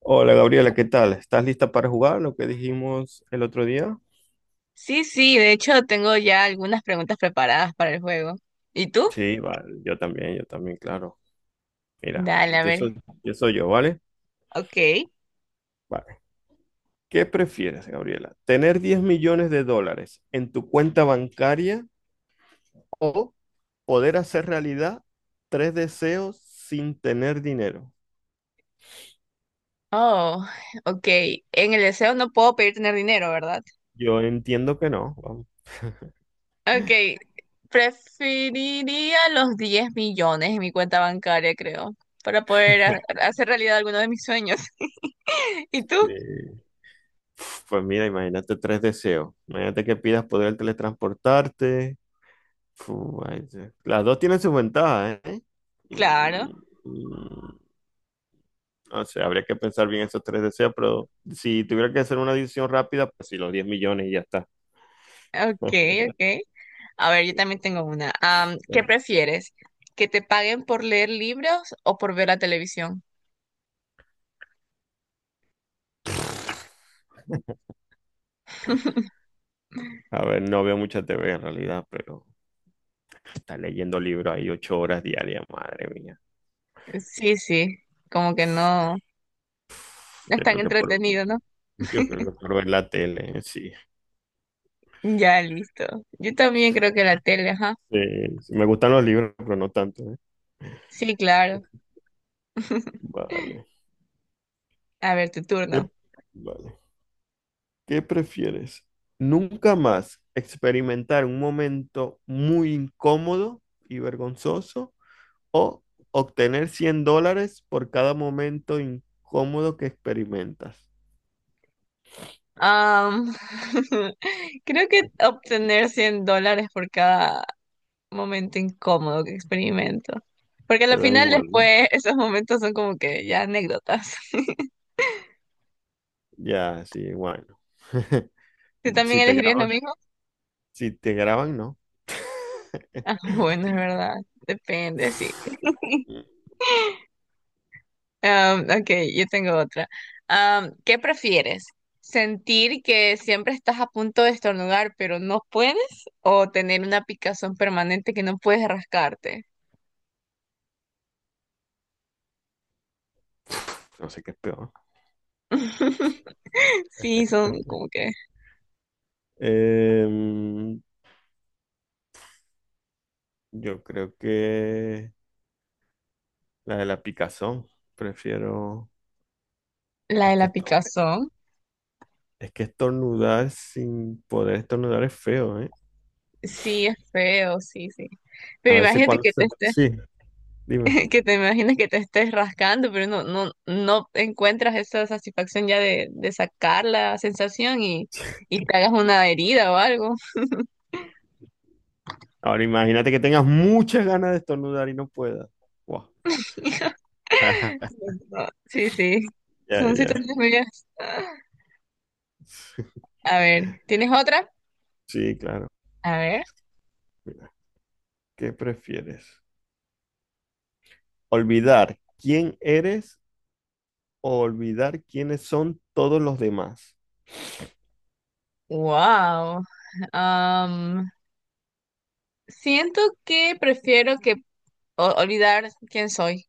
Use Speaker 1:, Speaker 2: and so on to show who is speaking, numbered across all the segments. Speaker 1: Hola Gabriela, ¿qué tal? ¿Estás lista para jugar lo que dijimos el otro día?
Speaker 2: Sí, sí, de hecho tengo ya algunas preguntas preparadas para el juego. ¿Y tú?
Speaker 1: Sí, vale, yo también, claro. Mira,
Speaker 2: Dale, a
Speaker 1: empiezo,
Speaker 2: ver.
Speaker 1: empiezo yo, ¿vale?
Speaker 2: Ok.
Speaker 1: Vale. ¿Qué prefieres, Gabriela? ¿Tener $10 millones en tu cuenta bancaria o poder hacer realidad tres deseos sin tener dinero?
Speaker 2: Oh, ok. En el deseo no puedo pedir tener dinero, ¿verdad?
Speaker 1: Yo entiendo que no, vamos.
Speaker 2: Ok. Preferiría los 10 millones en mi cuenta bancaria, creo, para poder hacer realidad alguno de mis sueños. ¿Y tú?
Speaker 1: Eh, Pues mira, imagínate tres deseos. Imagínate que pidas poder teletransportarte. Las dos tienen sus ventajas, ¿eh? Mm,
Speaker 2: Claro.
Speaker 1: mm, No sé, habría que pensar bien esos tres deseos, pero si tuviera que hacer una decisión rápida, pues sí, los 10 millones y ya está.
Speaker 2: Ok, ok. A ver, yo también tengo una. ¿Qué prefieres? ¿Que te paguen por leer libros o por ver la televisión?
Speaker 1: A ver, no veo mucha TV en realidad, pero está leyendo libros ahí 8 horas diarias, madre mía.
Speaker 2: Sí, sí, como que no es
Speaker 1: Yo
Speaker 2: tan
Speaker 1: creo que por,
Speaker 2: entretenido, ¿no?
Speaker 1: yo creo que por ver la tele, sí.
Speaker 2: Ya, listo. Yo también creo que la tele, ajá.
Speaker 1: Sí, sí, me gustan los libros, pero no tanto, ¿eh?
Speaker 2: Sí, claro.
Speaker 1: Vale.
Speaker 2: A ver, tu
Speaker 1: Eh,
Speaker 2: turno.
Speaker 1: Vale. ¿Qué prefieres? ¿Nunca más experimentar un momento muy incómodo y vergonzoso o obtener $100 por cada momento incómodo que experimentas?
Speaker 2: Am, creo que obtener $100 por cada momento incómodo que experimento. Porque
Speaker 1: Te
Speaker 2: al
Speaker 1: da
Speaker 2: final
Speaker 1: igual, ¿no?
Speaker 2: después esos momentos son como que ya anécdotas.
Speaker 1: Ya, sí, bueno.
Speaker 2: ¿Tú también
Speaker 1: Si te
Speaker 2: elegirías lo
Speaker 1: graban,
Speaker 2: mismo?
Speaker 1: si te graban, no.
Speaker 2: Ah, bueno, es verdad. Depende, sí. Ok, yo tengo otra. ¿Qué prefieres? ¿Sentir que siempre estás a punto de estornudar, pero no puedes? ¿O tener una picazón permanente que no puedes rascarte?
Speaker 1: No sé qué es peor.
Speaker 2: Sí, son como que
Speaker 1: Em, yo creo que la de la picazón. Prefiero.
Speaker 2: la de
Speaker 1: Es que
Speaker 2: la
Speaker 1: esto
Speaker 2: picazón.
Speaker 1: Es que estornudar sin poder estornudar es feo, ¿eh?
Speaker 2: Sí, es feo, sí, sí.
Speaker 1: A
Speaker 2: Pero
Speaker 1: veces
Speaker 2: imagínate
Speaker 1: cuando
Speaker 2: que
Speaker 1: se...
Speaker 2: te estés,
Speaker 1: Sí, dime.
Speaker 2: que te imagines que te estés rascando, pero no encuentras esa satisfacción ya de sacar la sensación y te hagas una herida o algo.
Speaker 1: Ahora imagínate que tengas muchas ganas de estornudar y no puedas. Guau.
Speaker 2: No, sí, sí.
Speaker 1: Ya,
Speaker 2: Son
Speaker 1: ya.
Speaker 2: situaciones medias. A ver, ¿tienes otra?
Speaker 1: Sí, claro.
Speaker 2: A ver.
Speaker 1: Mira, ¿qué prefieres? ¿Olvidar quién eres o olvidar quiénes son todos los demás?
Speaker 2: Wow. Am, siento que olvidar quién soy,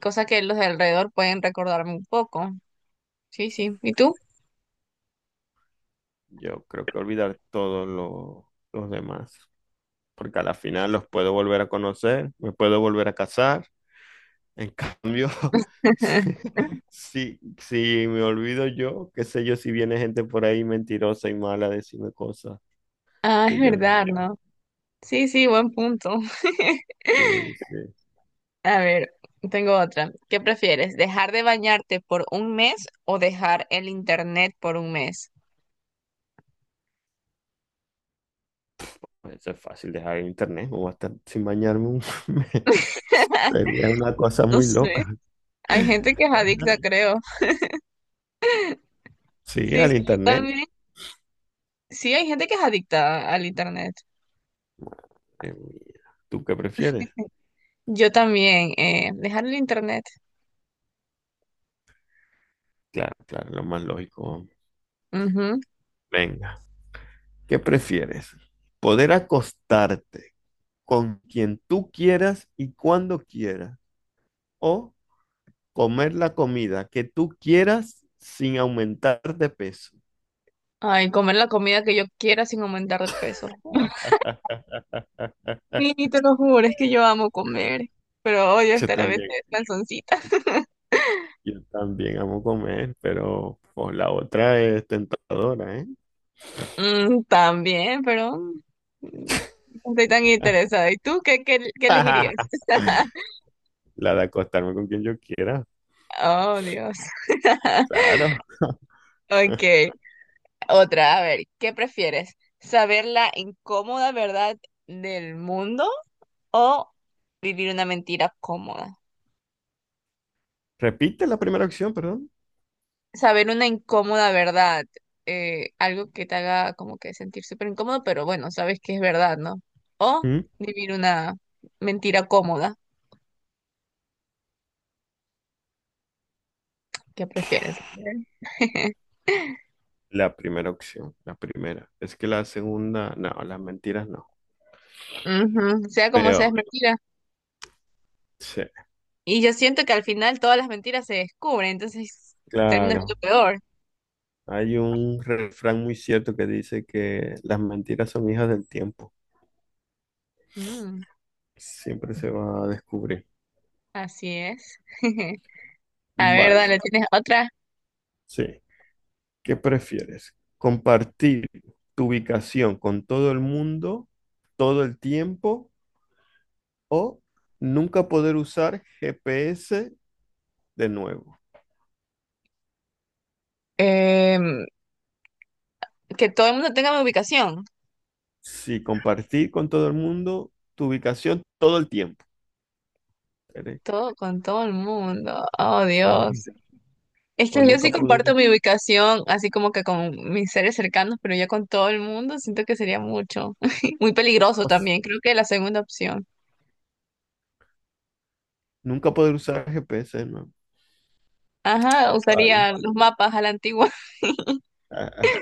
Speaker 2: cosa que los de alrededor pueden recordarme un poco. Sí, sí. ¿Y tú?
Speaker 1: Yo creo que olvidar todos los demás, porque a la final los puedo volver a conocer, me puedo volver a casar. En cambio, si me olvido yo, qué sé yo, si viene gente por ahí mentirosa y mala a decirme cosas
Speaker 2: Ah, es
Speaker 1: que yo no
Speaker 2: verdad,
Speaker 1: era.
Speaker 2: ¿no? Sí, sí, buen punto.
Speaker 1: Sí, sí.
Speaker 2: A ver, tengo otra. ¿Qué prefieres? ¿Dejar de bañarte por un mes o dejar el internet por un mes?
Speaker 1: Eso es fácil, dejar el internet o hasta sin bañarme. Sería una cosa
Speaker 2: No
Speaker 1: muy
Speaker 2: sé.
Speaker 1: loca.
Speaker 2: Hay gente que es adicta, creo.
Speaker 1: Sí,
Speaker 2: Sí,
Speaker 1: al
Speaker 2: sí, yo
Speaker 1: internet.
Speaker 2: también. Sí, hay gente que es adicta al internet.
Speaker 1: Mira, ¿tú qué prefieres?
Speaker 2: Yo también. Dejar el internet.
Speaker 1: Claro, claro, lo más lógico.
Speaker 2: Ujú.
Speaker 1: Venga, ¿qué prefieres? Poder acostarte con quien tú quieras y cuando quieras, o comer la comida que tú quieras sin aumentar de peso.
Speaker 2: Ay, comer la comida que yo quiera sin aumentar de peso. Sí, te lo juro, es que yo amo comer, pero odio
Speaker 1: Yo
Speaker 2: estar a veces
Speaker 1: también,
Speaker 2: cansoncita.
Speaker 1: yo también amo comer, pero pues, la otra es tentadora, ¿eh?
Speaker 2: Mm, también, pero mm, no estoy tan interesada. ¿Y tú qué, qué elegirías?
Speaker 1: La de acostarme con quien yo quiera,
Speaker 2: Oh, Dios.
Speaker 1: claro.
Speaker 2: Ok. Otra, a ver, ¿qué prefieres? ¿Saber la incómoda verdad del mundo o vivir una mentira cómoda?
Speaker 1: Repite la primera opción, perdón.
Speaker 2: Saber una incómoda verdad. Eh, algo que te haga como que sentir súper incómodo, pero bueno, sabes que es verdad, ¿no? ¿O
Speaker 1: ¿Mm?
Speaker 2: vivir una mentira cómoda? ¿Qué prefieres?
Speaker 1: La primera opción, la primera. Es que la segunda, no, las mentiras no.
Speaker 2: Ujú, sea como sea, es
Speaker 1: Peor,
Speaker 2: mentira.
Speaker 1: sí,
Speaker 2: Y yo siento que al final todas las mentiras se descubren, entonces termina siendo
Speaker 1: claro.
Speaker 2: peor.
Speaker 1: Hay un refrán muy cierto que dice que las mentiras son hijas del tiempo.
Speaker 2: Mm,
Speaker 1: Siempre se va a descubrir.
Speaker 2: así es. A ver, dale,
Speaker 1: Vale,
Speaker 2: ¿tienes otra?
Speaker 1: sí. ¿Qué prefieres? ¿Compartir tu ubicación con todo el mundo todo el tiempo o nunca poder usar GPS de nuevo?
Speaker 2: Em, que todo el mundo tenga mi ubicación.
Speaker 1: Sí, compartir con todo el mundo tu ubicación todo el tiempo, ¿vale?
Speaker 2: Todo con todo el mundo. Oh,
Speaker 1: Sí.
Speaker 2: Dios. Es
Speaker 1: O
Speaker 2: que yo
Speaker 1: nunca
Speaker 2: sí
Speaker 1: poder,
Speaker 2: comparto mi ubicación, así como que con mis seres cercanos, pero ya con todo el mundo siento que sería mucho. Muy peligroso
Speaker 1: us-
Speaker 2: también. Creo que la segunda opción.
Speaker 1: nunca poder usar GPS de nuevo.
Speaker 2: Ajá,
Speaker 1: Vale.
Speaker 2: usaría los mapas a la antigua.
Speaker 1: Ah,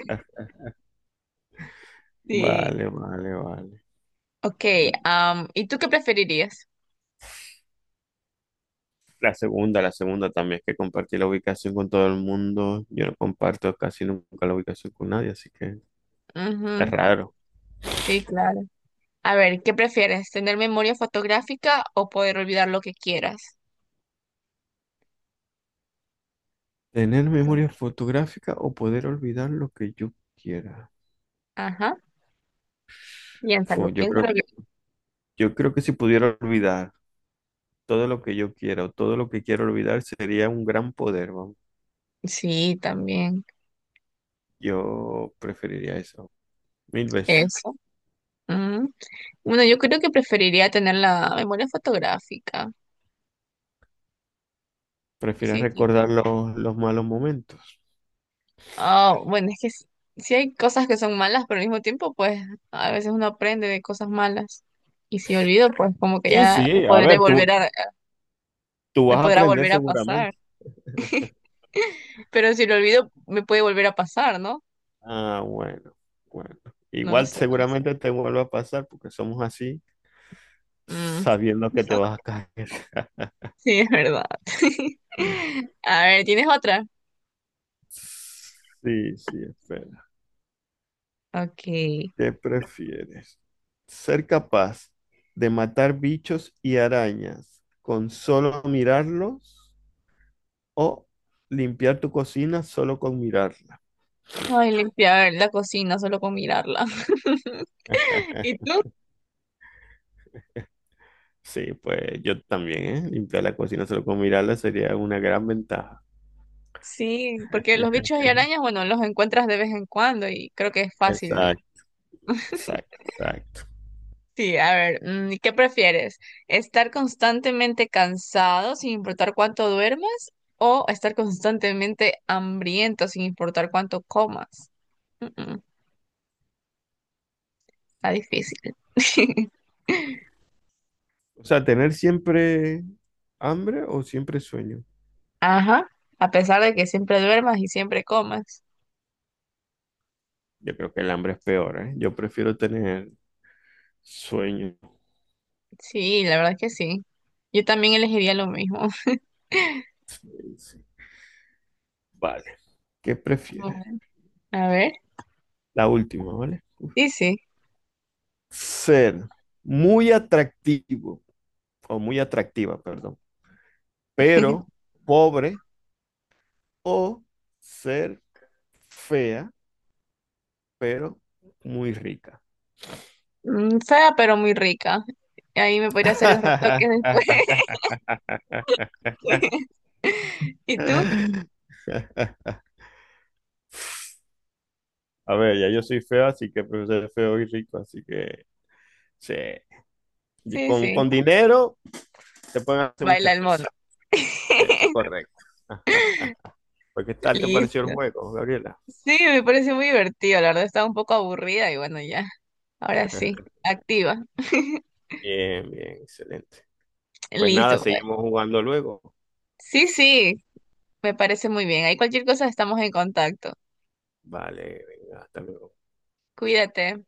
Speaker 2: Sí.
Speaker 1: vale, vale, vale.
Speaker 2: Ok, am, ¿y tú qué preferirías?
Speaker 1: La segunda también, que compartí la ubicación con todo el mundo. Yo no comparto casi nunca la ubicación con nadie, así que es
Speaker 2: Ujú,
Speaker 1: raro.
Speaker 2: sí, claro. A ver, ¿qué prefieres? ¿Tener memoria fotográfica o poder olvidar lo que quieras?
Speaker 1: ¿Tener memoria fotográfica o poder olvidar lo que yo quiera?
Speaker 2: Ajá.
Speaker 1: Fu,
Speaker 2: Piénsalo,
Speaker 1: yo
Speaker 2: piénsalo
Speaker 1: creo,
Speaker 2: bien.
Speaker 1: yo creo que si pudiera olvidar todo lo que yo quiera o todo lo que quiero olvidar sería un gran poder, vamos.
Speaker 2: Sí, también.
Speaker 1: Yo preferiría eso, mil veces.
Speaker 2: Eso. Ujú. Bueno, yo creo que preferiría tener la memoria fotográfica.
Speaker 1: Prefiero
Speaker 2: Sí, sí.
Speaker 1: recordar los malos momentos.
Speaker 2: Ah, bueno, es que sí, sí hay cosas que son malas, pero al mismo tiempo, pues, a veces uno aprende de cosas malas. Y si olvido, pues como que
Speaker 1: Sí,
Speaker 2: ya
Speaker 1: sí, a
Speaker 2: podré
Speaker 1: ver,
Speaker 2: volver
Speaker 1: tú,
Speaker 2: a,
Speaker 1: tú
Speaker 2: me
Speaker 1: vas a
Speaker 2: podrá
Speaker 1: aprender
Speaker 2: volver a pasar.
Speaker 1: seguramente.
Speaker 2: Pero si lo olvido, me puede volver a pasar, ¿no?
Speaker 1: Ah, bueno, bueno.
Speaker 2: No lo
Speaker 1: Igual
Speaker 2: sé, no lo sé.
Speaker 1: seguramente te vuelva a pasar porque somos así,
Speaker 2: Mm,
Speaker 1: sabiendo que te vas a caer.
Speaker 2: sí, es verdad. A ver, ¿tienes otra?
Speaker 1: Sí, sí, espera.
Speaker 2: Ok.
Speaker 1: ¿Qué prefieres? ¿Ser capaz de matar bichos y arañas con solo mirarlos o limpiar tu cocina solo con mirarla?
Speaker 2: Ay, limpiar la cocina solo con mirarla. ¿Y tú?
Speaker 1: Sí, pues yo también, ¿eh? Limpiar la cocina solo con mirarla sería una gran ventaja.
Speaker 2: Sí, porque los bichos y arañas, bueno, los encuentras de vez en cuando y creo que es fácil ya.
Speaker 1: Exacto, exacto, exacto.
Speaker 2: Sí, a ver, mm, ¿qué prefieres? ¿Estar constantemente cansado sin importar cuánto duermas o estar constantemente hambriento sin importar cuánto comas? Mm, mm, está difícil.
Speaker 1: O sea, tener siempre hambre o siempre sueño.
Speaker 2: Ajá, a pesar de que siempre duermas y siempre comas.
Speaker 1: Yo creo que el hambre es peor, ¿eh? Yo prefiero tener sueño.
Speaker 2: Sí, la verdad que sí. Yo también elegiría lo mismo.
Speaker 1: Sí, sí. Vale. ¿Qué prefieres?
Speaker 2: A ver,
Speaker 1: La última, ¿vale? Uf.
Speaker 2: sí, sí.
Speaker 1: Ser muy atractivo o muy atractiva, perdón, pero pobre, o ser fea, pero muy rica.
Speaker 2: Mm, fea, pero muy rica. Ahí me podría hacer los retoques después. ¿Y tú?
Speaker 1: A ver, ya yo soy feo, así que prefiero ser feo y rico, así que sí. Y
Speaker 2: Sí,
Speaker 1: Con,
Speaker 2: sí.
Speaker 1: con dinero se pueden hacer
Speaker 2: Baila
Speaker 1: muchas
Speaker 2: el mono.
Speaker 1: cosas. Eso es correcto. Ajá. Pues, ¿qué tal te pareció el
Speaker 2: Listo.
Speaker 1: juego, Gabriela?
Speaker 2: Sí, me parece muy divertido. La verdad estaba un poco aburrida y bueno, ya. Ahora sí. Activa.
Speaker 1: Bien, bien, excelente. Pues nada,
Speaker 2: Listo, pues.
Speaker 1: seguimos jugando luego.
Speaker 2: Sí, sí. Me parece muy bien. Ahí cualquier cosa estamos en contacto.
Speaker 1: Vale, venga, hasta luego.
Speaker 2: Cuídate.